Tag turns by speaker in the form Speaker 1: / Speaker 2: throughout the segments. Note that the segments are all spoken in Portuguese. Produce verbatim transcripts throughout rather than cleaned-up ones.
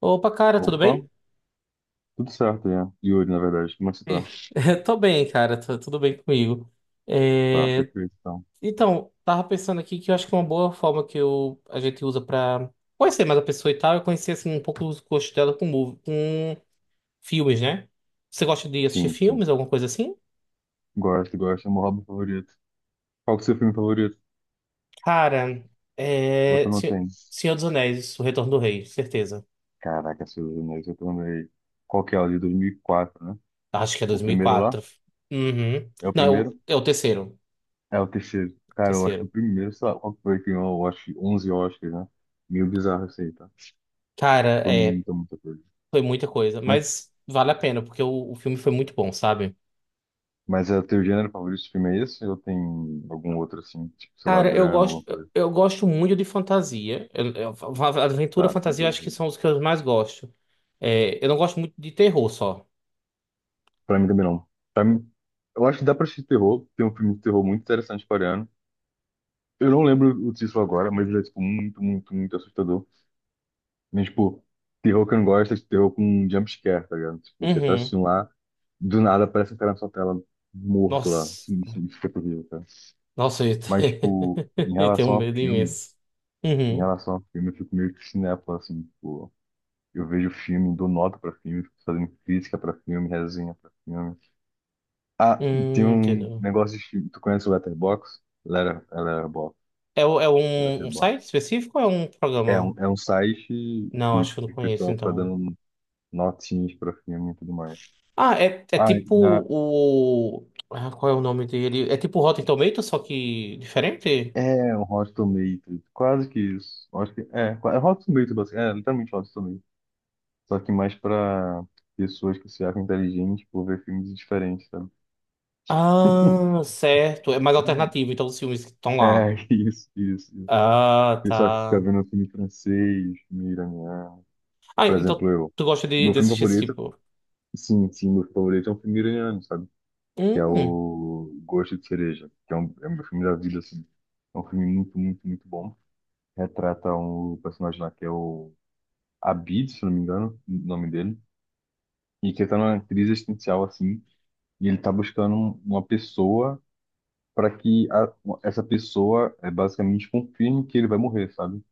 Speaker 1: Opa, cara, tudo
Speaker 2: Opa,
Speaker 1: bem?
Speaker 2: tudo certo, né? Yuri, na verdade. Como é que você
Speaker 1: E-
Speaker 2: tá?
Speaker 1: Tô bem, cara, tu- tudo bem comigo.
Speaker 2: Tá,
Speaker 1: É,
Speaker 2: perfeito, então.
Speaker 1: Então, tava pensando aqui que eu acho que uma boa forma que eu... a gente usa pra conhecer mais a pessoa e tal é conhecer assim, um pouco os gostos dela com, mov- com filmes, né? Você gosta de assistir
Speaker 2: Sim, sim.
Speaker 1: filmes, alguma coisa assim?
Speaker 2: Gosto, gosto. É meu hobby favorito. Qual que é o seu filme favorito?
Speaker 1: Cara, é...
Speaker 2: Outro não
Speaker 1: Se-
Speaker 2: tem.
Speaker 1: Senhor dos Anéis, O Retorno do Rei, certeza.
Speaker 2: Caraca, Senhor dos Anéis, eu também. Qual que é o de dois mil e quatro, né?
Speaker 1: Acho que é
Speaker 2: O primeiro lá?
Speaker 1: dois mil e quatro. Uhum.
Speaker 2: É o
Speaker 1: Não, é
Speaker 2: primeiro?
Speaker 1: o é o terceiro.
Speaker 2: É o terceiro. Cara, eu acho que o
Speaker 1: Terceiro.
Speaker 2: primeiro, sei lá, qual que foi que ganhou, eu acho, que onze Oscars, né? Meio bizarro isso aí, tá?
Speaker 1: Cara,
Speaker 2: Foi
Speaker 1: é.
Speaker 2: muita, muita coisa.
Speaker 1: Foi muita coisa,
Speaker 2: Mas,
Speaker 1: mas vale a pena, porque o, o filme foi muito bom, sabe?
Speaker 2: mas é o teu gênero favorito de filme é esse? Ou tem algum outro, assim, tipo, sei lá,
Speaker 1: Cara, eu
Speaker 2: drama, alguma
Speaker 1: gosto,
Speaker 2: coisa?
Speaker 1: eu gosto muito de fantasia. Eu- eu- va- aventura,
Speaker 2: Tá,
Speaker 1: fantasia, eu acho que
Speaker 2: fantasia.
Speaker 1: são os que eu mais gosto. É, eu não gosto muito de terror só.
Speaker 2: Pra mim também não. Pra mim, eu acho que dá pra assistir terror. Tem um filme de terror muito interessante coreano. Eu não lembro o título agora, mas ele é, tipo, muito, muito, muito assustador. Mas, tipo, terror que eu não gosto é esse terror com jump scare, tá ligado? Tipo, você tá
Speaker 1: Uhum.
Speaker 2: assistindo lá, do nada aparece um cara na sua tela morto lá.
Speaker 1: Nossa.
Speaker 2: Assim, Isso, isso fica terrível, cara.
Speaker 1: Nossa, eu,
Speaker 2: Mas,
Speaker 1: te-
Speaker 2: tipo, em
Speaker 1: eu tenho um
Speaker 2: relação a
Speaker 1: medo
Speaker 2: filme,
Speaker 1: imenso.
Speaker 2: em
Speaker 1: Uhum.
Speaker 2: relação a filme, eu fico meio que cinéfilo, assim, tipo, eu vejo filme, dou nota pra filme, fico fazendo crítica pra filme, resenha pra filme. Ah, tem
Speaker 1: Hum,
Speaker 2: um
Speaker 1: entendeu.
Speaker 2: negócio de... Tu conhece o Letterboxd? Letter, Letterboxd.
Speaker 1: É, o- é um, um site
Speaker 2: Letterboxd.
Speaker 1: específico ou é um
Speaker 2: É um,
Speaker 1: programa?
Speaker 2: é um site
Speaker 1: Não,
Speaker 2: que
Speaker 1: acho que eu não
Speaker 2: o
Speaker 1: conheço,
Speaker 2: pessoal fica
Speaker 1: então.
Speaker 2: dando notinhas pra filme e tudo mais.
Speaker 1: Ah, é, é
Speaker 2: Ah,
Speaker 1: tipo
Speaker 2: na,
Speaker 1: o. Ah, qual é o nome dele? É tipo o Rotten Tomatoes, só que diferente?
Speaker 2: é um Hot Tomatoes. Quase que isso. Eu acho que, é, qua- é Hot Tomatoes, basicamente, é literalmente Hot Tomatoes. Só que mais pra pessoas que se acham inteligentes por ver filmes diferentes, sabe?
Speaker 1: Ah, certo. É mais
Speaker 2: Hum.
Speaker 1: alternativo, então os filmes que estão lá.
Speaker 2: É, isso, isso, isso.
Speaker 1: Ah,
Speaker 2: Pessoal que fica
Speaker 1: tá.
Speaker 2: vendo filme francês, filme iraniano.
Speaker 1: Ah,
Speaker 2: Por
Speaker 1: então
Speaker 2: exemplo, eu.
Speaker 1: tu gosta de,
Speaker 2: Meu
Speaker 1: de
Speaker 2: filme
Speaker 1: assistir esse
Speaker 2: favorito...
Speaker 1: tipo?
Speaker 2: Sim, sim, meu favorito é um filme iraniano, sabe? Que é
Speaker 1: Hum,
Speaker 2: o Gosto de Cereja, que é, um, é o meu filme da vida, assim. É um filme muito, muito, muito bom. Retrata um personagem lá que é o Abid, se não me engano, o nome dele, e que tá numa crise existencial, assim, e ele tá buscando um- uma pessoa para que a-... essa pessoa é, basicamente confirme que ele vai morrer, sabe?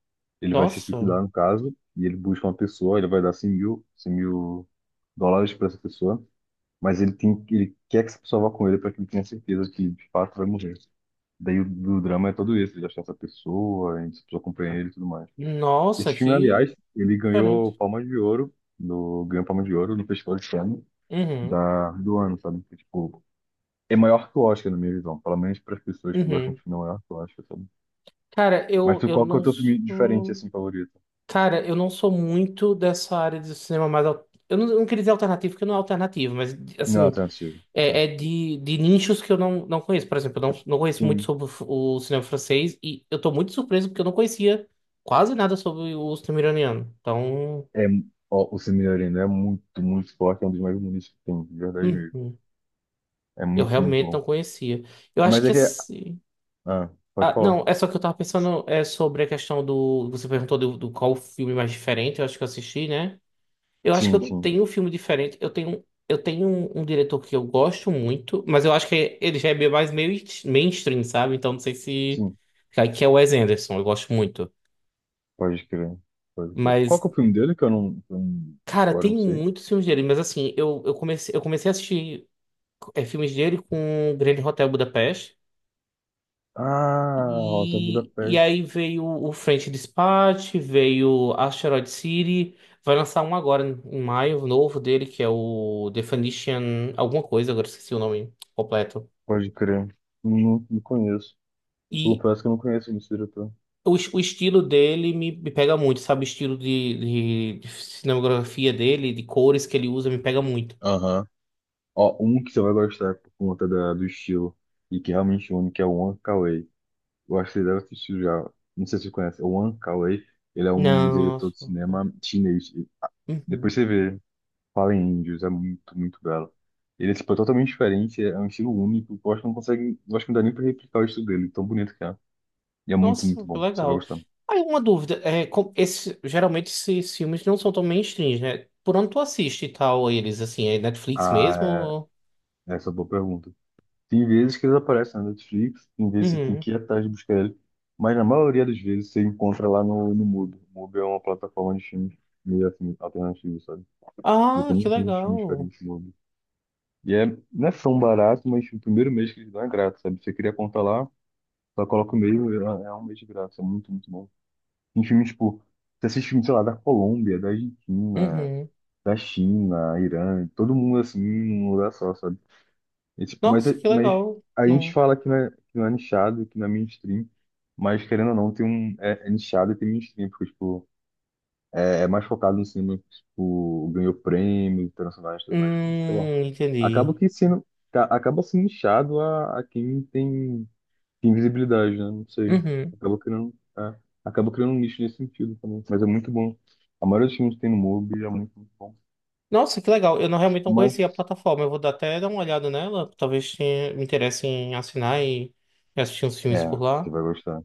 Speaker 2: Ele vai se
Speaker 1: nossa.
Speaker 2: suicidar, no caso, e ele busca uma pessoa, ele vai dar cem mil, cem mil dólares para essa pessoa. Mas ele tem, ele quer que essa pessoa vá com ele para que ele tenha certeza que de fato vai morrer. Daí o, o drama é todo esse, ele achar essa pessoa, a pessoa acompanhar ele e tudo mais.
Speaker 1: Nossa,
Speaker 2: Esse filme,
Speaker 1: que
Speaker 2: aliás, ele
Speaker 1: diferente.
Speaker 2: ganhou Palma de Ouro, no, ganhou Palma de Ouro no Festival de Cannes
Speaker 1: Uhum,
Speaker 2: da, do ano, sabe? Que, tipo, é maior que o Oscar, na minha visão. Pelo menos para as pessoas que gostam
Speaker 1: uhum.
Speaker 2: de filme, é maior que o Oscar, sabe?
Speaker 1: Cara,
Speaker 2: Mas
Speaker 1: eu,
Speaker 2: tu,
Speaker 1: eu
Speaker 2: qual que é o
Speaker 1: não
Speaker 2: teu filme diferente,
Speaker 1: sou.
Speaker 2: assim, favorito?
Speaker 1: Cara, eu não sou muito dessa área de cinema mais. al- Eu não, eu não queria dizer alternativo, porque não é alternativo, mas
Speaker 2: Não,
Speaker 1: assim.
Speaker 2: alternativo. É.
Speaker 1: É, é de, de nichos que eu não, não conheço. Por exemplo, eu não, não conheço muito
Speaker 2: Sim,
Speaker 1: sobre o f- o cinema francês e eu tô muito surpreso porque eu não conhecia quase nada sobre o cinema iraniano. Então,
Speaker 2: é, ó, o Cine Arena é muito, muito forte, é um dos mais bonitos que tem, de verdade mesmo.
Speaker 1: uhum,
Speaker 2: É
Speaker 1: eu
Speaker 2: muito, muito
Speaker 1: realmente
Speaker 2: bom.
Speaker 1: não conhecia. Eu acho
Speaker 2: Mas é
Speaker 1: que
Speaker 2: que...
Speaker 1: assim.
Speaker 2: Ah, pode
Speaker 1: Ah,
Speaker 2: falar.
Speaker 1: não, é só que eu tava pensando é, sobre a questão do. Você perguntou do, do qual o filme mais diferente, eu acho que eu assisti, né? Eu acho que eu
Speaker 2: Sim,
Speaker 1: não
Speaker 2: sim,
Speaker 1: tenho um filme diferente. Eu tenho, eu tenho um, um diretor que eu gosto muito, mas eu acho que ele já é meio mais meio est- mainstream, sabe? Então não sei se.
Speaker 2: sim.
Speaker 1: Cara, que é o Wes Anderson, eu gosto muito.
Speaker 2: Pode crer. Pode crer. Qual que
Speaker 1: Mas,
Speaker 2: é o filme dele que eu não... que eu não-
Speaker 1: cara,
Speaker 2: agora
Speaker 1: tem
Speaker 2: não sei.
Speaker 1: muitos filmes dele. Mas assim, eu, eu comecei, eu comecei a assistir é, filmes dele com o Grande Hotel Budapeste.
Speaker 2: Ah, Rosa
Speaker 1: E, e
Speaker 2: Budapeste.
Speaker 1: aí veio o French Dispatch, veio Asteroid City, vai lançar um agora em maio, o novo dele, que é o Definition alguma coisa, agora esqueci o nome completo.
Speaker 2: Pode crer. Não, não conheço.
Speaker 1: E
Speaker 2: Confesso que eu não conheço esse diretor.
Speaker 1: o, es- o estilo dele me, me pega muito, sabe? O estilo de, de, de cinematografia dele, de cores que ele usa, me pega muito.
Speaker 2: Aham. Ó, um que você vai gostar por conta da, do estilo e que é realmente único é o Wong Kar-wai. Eu acho que você deve assistir já. Não sei se você conhece. O Wong Kar-wai, ele é um
Speaker 1: Não.
Speaker 2: diretor de cinema chinês. Depois
Speaker 1: Uhum.
Speaker 2: você vê. Fala em Índios, é muito, muito belo. Ele é, tipo, é totalmente diferente, é um estilo único, eu acho que não consegue, eu acho que não dá nem pra replicar o estilo dele, tão bonito que é. E é muito, muito
Speaker 1: Nossa, que
Speaker 2: bom, você vai
Speaker 1: legal.
Speaker 2: gostar.
Speaker 1: Aí uma dúvida, é, com- esse, geralmente esses filmes não são tão mainstream, né? Por onde tu assiste e tal eles, assim, é Netflix mesmo?
Speaker 2: Ah,
Speaker 1: Ou...
Speaker 2: é, essa é uma boa pergunta. Tem vezes que eles aparecem na Netflix, tem vezes que você tem
Speaker 1: Uhum.
Speaker 2: que ir atrás de buscar ele, mas na maioria das vezes você encontra lá no, no Mubi. O Mubi é uma plataforma de filmes meio assim, alternativo, sabe? E
Speaker 1: Ah,
Speaker 2: tem
Speaker 1: que
Speaker 2: um monte de filmes
Speaker 1: legal.
Speaker 2: diferentes no Mubi. E é, não é tão barato, mas tipo, o primeiro mês que eles dão é grátis, sabe? Você queria contar lá, só coloca o meio, é... é um mês de graça, é muito, muito bom. Tem filme, tipo, você assiste filme, sei lá, da Colômbia, da Argentina,
Speaker 1: Uhum.
Speaker 2: da China, Irã, todo mundo assim, num lugar só, sabe? É, tipo, mas,
Speaker 1: Nossa,
Speaker 2: é-
Speaker 1: que
Speaker 2: mas
Speaker 1: legal.
Speaker 2: a gente
Speaker 1: Não...
Speaker 2: fala que não é, que não é nichado, que não é mainstream, mas querendo ou não, tem um, é, é nichado e tem mainstream, porque, tipo, é, é mais focado no cinema, que, tipo, ganhou prêmios internacionais e tudo mais, sei lá.
Speaker 1: Hum,
Speaker 2: Acaba
Speaker 1: entendi.
Speaker 2: que sendo, ca- acaba sendo nichado a, a quem tem... tem visibilidade, né? Não sei.
Speaker 1: Uhum.
Speaker 2: Acaba criando, é, acaba criando um nicho nesse sentido também. Mas é muito bom. A maioria dos filmes que tem no MUBI é muito, muito bom.
Speaker 1: Nossa, que legal. Eu não, realmente não
Speaker 2: Mas,
Speaker 1: conhecia a plataforma. Eu vou dar- até dar uma olhada nela. Talvez tenha- me interesse em assinar e e assistir uns filmes
Speaker 2: é,
Speaker 1: por
Speaker 2: você
Speaker 1: lá.
Speaker 2: vai gostar.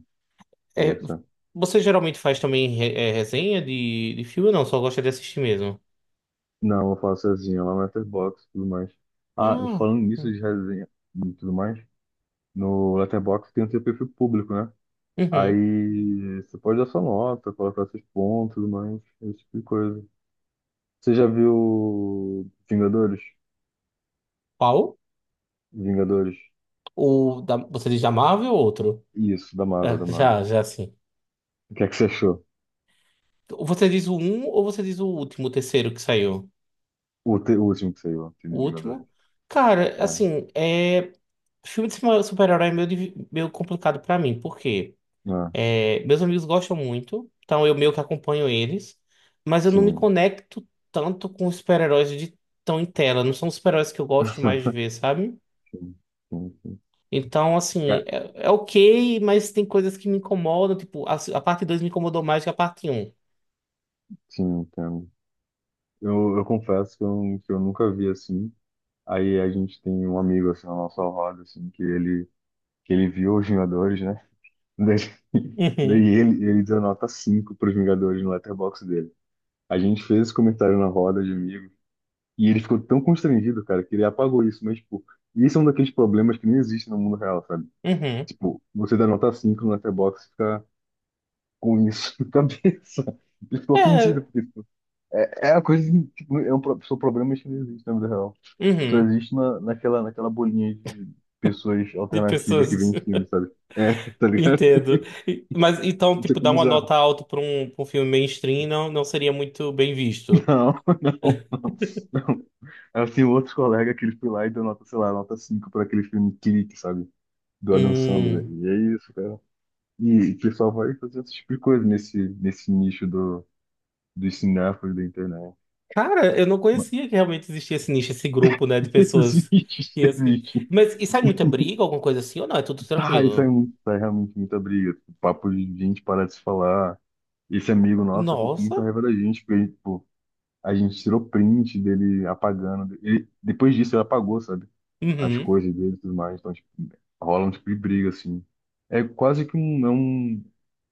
Speaker 2: Você vai
Speaker 1: É,
Speaker 2: gostar.
Speaker 1: você geralmente faz também re- é, resenha de, de filme ou não? Só gosta de assistir mesmo?
Speaker 2: Não, eu vou falar sozinho, lá no Letterboxd e tudo mais.
Speaker 1: Ah,
Speaker 2: Ah, e falando nisso
Speaker 1: hum,
Speaker 2: de resenha e tudo mais, no Letterboxd tem o seu perfil público, né?
Speaker 1: uhum.
Speaker 2: Aí você pode dar sua nota, colocar seus pontos, tudo mais, esse tipo de coisa. Você já viu Vingadores?
Speaker 1: Qual?
Speaker 2: Vingadores?
Speaker 1: O da, você diz da Marvel ou outro?
Speaker 2: Isso, da Marvel, da
Speaker 1: É,
Speaker 2: Marvel.
Speaker 1: já, já sim.
Speaker 2: O que é que você achou?
Speaker 1: Você diz o um ou você diz o último, o terceiro que saiu?
Speaker 2: O, te- o último que saiu, o time
Speaker 1: O
Speaker 2: de Vingadores.
Speaker 1: último? Cara,
Speaker 2: É.
Speaker 1: assim, é, filme de super- super-herói é meio, divi- meio complicado pra mim, porque
Speaker 2: Ah,
Speaker 1: é, meus amigos gostam muito, então eu meio que acompanho eles, mas eu não me
Speaker 2: sim.
Speaker 1: conecto tanto com os super-heróis de tão em tela. Não são os super-heróis que eu gosto mais de ver, sabe?
Speaker 2: Sim, sim, sim.
Speaker 1: Então, assim,
Speaker 2: É.
Speaker 1: é, é ok, mas tem coisas que me incomodam. Tipo, a, a parte dois me incomodou mais que a parte um.
Speaker 2: Sim, entendo. Eu, eu confesso que eu, que eu nunca vi assim. Aí a gente tem um amigo assim, na nossa roda, assim, que ele, que ele viu os Vingadores, né? Daí, daí
Speaker 1: Uhum,
Speaker 2: ele, ele deu nota cinco para os Vingadores no letterbox dele. A gente fez esse comentário na roda de amigo e ele ficou tão constrangido, cara, que ele apagou isso. Mas, tipo, isso é um daqueles problemas que não existe no mundo real, sabe?
Speaker 1: uhum.
Speaker 2: Tipo, você dá nota cinco no letterbox, fica com isso na cabeça. Eu fico ofendido,
Speaker 1: É,
Speaker 2: porque tipo, é, é a coisa, que, tipo, é um, pro- são problemas que não existem na vida real. Só
Speaker 1: uhum.
Speaker 2: existe na, naquela, naquela bolinha de pessoas
Speaker 1: De
Speaker 2: alternativas que
Speaker 1: pessoas,
Speaker 2: vêm em filme, sabe? É, tá ligado?
Speaker 1: entendo. E- Mas então,
Speaker 2: Isso é
Speaker 1: tipo, dar uma
Speaker 2: bizarro.
Speaker 1: nota alta pra um, pra um filme mainstream não, não seria muito bem visto.
Speaker 2: Não, não, não, não. É assim, outros colegas que eles foi lá e deu nota, sei lá, nota cinco para aquele filme Clique, sabe? Do Adam Sandler.
Speaker 1: Hum.
Speaker 2: E é isso, cara. E o pessoal vai fazer esse tipo de coisa nesse, nesse nicho do, dos cinéfilos da internet.
Speaker 1: Cara, eu não
Speaker 2: Mas
Speaker 1: conhecia que realmente existia esse nicho, esse grupo, né, de pessoas
Speaker 2: existe,
Speaker 1: que assistem.
Speaker 2: existe.
Speaker 1: Mas e sai muita briga, alguma coisa assim, ou não? É tudo
Speaker 2: Ah, isso é,
Speaker 1: tranquilo?
Speaker 2: muito, isso é realmente muita briga. Tipo, papo de gente parar de se falar. Esse amigo nosso ficou com muita
Speaker 1: Nossa.
Speaker 2: raiva da gente, porque ele, tipo, a gente tirou print dele apagando. Ele, depois disso, ele apagou, sabe? As
Speaker 1: Uhum.
Speaker 2: coisas dele e tudo mais. Então, tipo, rola um tipo de briga, assim. É quase que um, é um,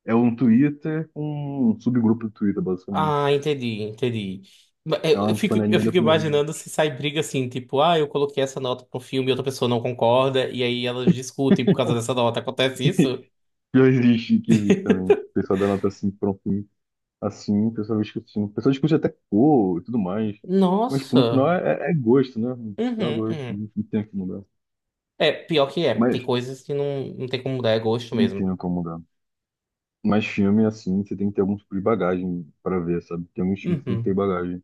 Speaker 2: é um Twitter com um subgrupo do Twitter, basicamente.
Speaker 1: Ah, entendi, entendi. Ma-
Speaker 2: É
Speaker 1: Eu eu
Speaker 2: uma
Speaker 1: fico, eu
Speaker 2: panelinha da
Speaker 1: fico
Speaker 2: panelinha.
Speaker 1: imaginando se sai briga assim, tipo, ah, eu coloquei essa nota pro filme e outra pessoa não concorda, e aí elas discutem por causa dessa nota. Acontece isso?
Speaker 2: Que existe, que existe também. O pessoal da nota assim, pronto assim, pessoal discutindo. Pessoal discute até cor e tudo mais. Mas, tipo, no
Speaker 1: Nossa.
Speaker 2: final é, é é gosto, né? É
Speaker 1: Uhum,
Speaker 2: um gosto,
Speaker 1: uhum.
Speaker 2: não não tem o que mudar.
Speaker 1: É, pior que é. Tem
Speaker 2: Mas,
Speaker 1: coisas que não, não tem como mudar, é gosto
Speaker 2: não
Speaker 1: mesmo.
Speaker 2: tem o que mudar. Mas filme, assim, você tem que ter algum tipo de bagagem para ver, sabe? Tem alguns filmes que tem que ter
Speaker 1: Uhum.
Speaker 2: bagagem.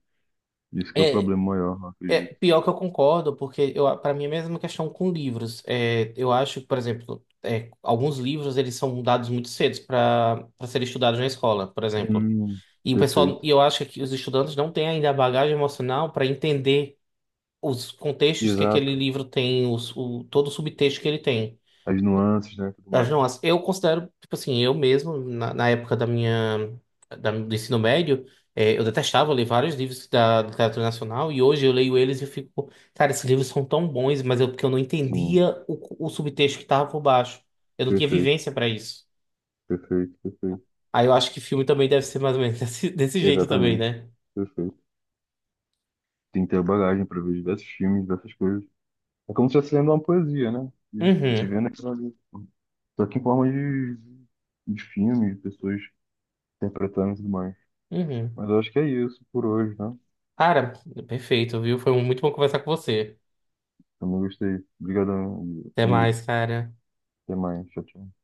Speaker 2: Isso que é o
Speaker 1: É,
Speaker 2: problema maior, eu
Speaker 1: é
Speaker 2: acredito.
Speaker 1: pior que eu concordo, porque eu, para mim é a mesma questão com livros. É, eu acho que, por exemplo, é, alguns livros eles são dados muito cedo para para serem estudados na escola, por exemplo.
Speaker 2: Hum,
Speaker 1: E o pessoal,
Speaker 2: perfeito.
Speaker 1: e eu acho que os estudantes não têm ainda a bagagem emocional para entender os contextos que
Speaker 2: Exato.
Speaker 1: aquele livro tem, os, o, todo o subtexto que ele tem.
Speaker 2: As nuances, né? Tudo
Speaker 1: As
Speaker 2: mais.
Speaker 1: nossas, eu considero, tipo assim, eu mesmo, na, na época da minha, da, do ensino médio, eh, eu detestava ler vários livros da literatura nacional e hoje eu leio eles e eu fico, cara, esses livros são tão bons, mas eu, porque eu não
Speaker 2: Sim,
Speaker 1: entendia o, o subtexto que estava por baixo. Eu não tinha
Speaker 2: perfeito,
Speaker 1: vivência para isso.
Speaker 2: perfeito, perfeito.
Speaker 1: Aí eu acho que filme também deve ser mais ou menos desse, desse jeito também,
Speaker 2: Exatamente,
Speaker 1: né?
Speaker 2: perfeito. Tem que ter bagagem para ver diversos filmes, diversas coisas. É como se estivesse lendo uma poesia, né? De, de
Speaker 1: Uhum,
Speaker 2: vendo aquilo ali. Só que em forma de, de filme, de pessoas interpretando e tudo mais.
Speaker 1: uhum.
Speaker 2: Mas eu acho que é isso por hoje, né?
Speaker 1: Cara, perfeito, viu? Foi muito bom conversar com você.
Speaker 2: Também gostei. Obrigadão,
Speaker 1: Até mais,
Speaker 2: Yuri.
Speaker 1: cara.
Speaker 2: Até mais. Tchau, tchau.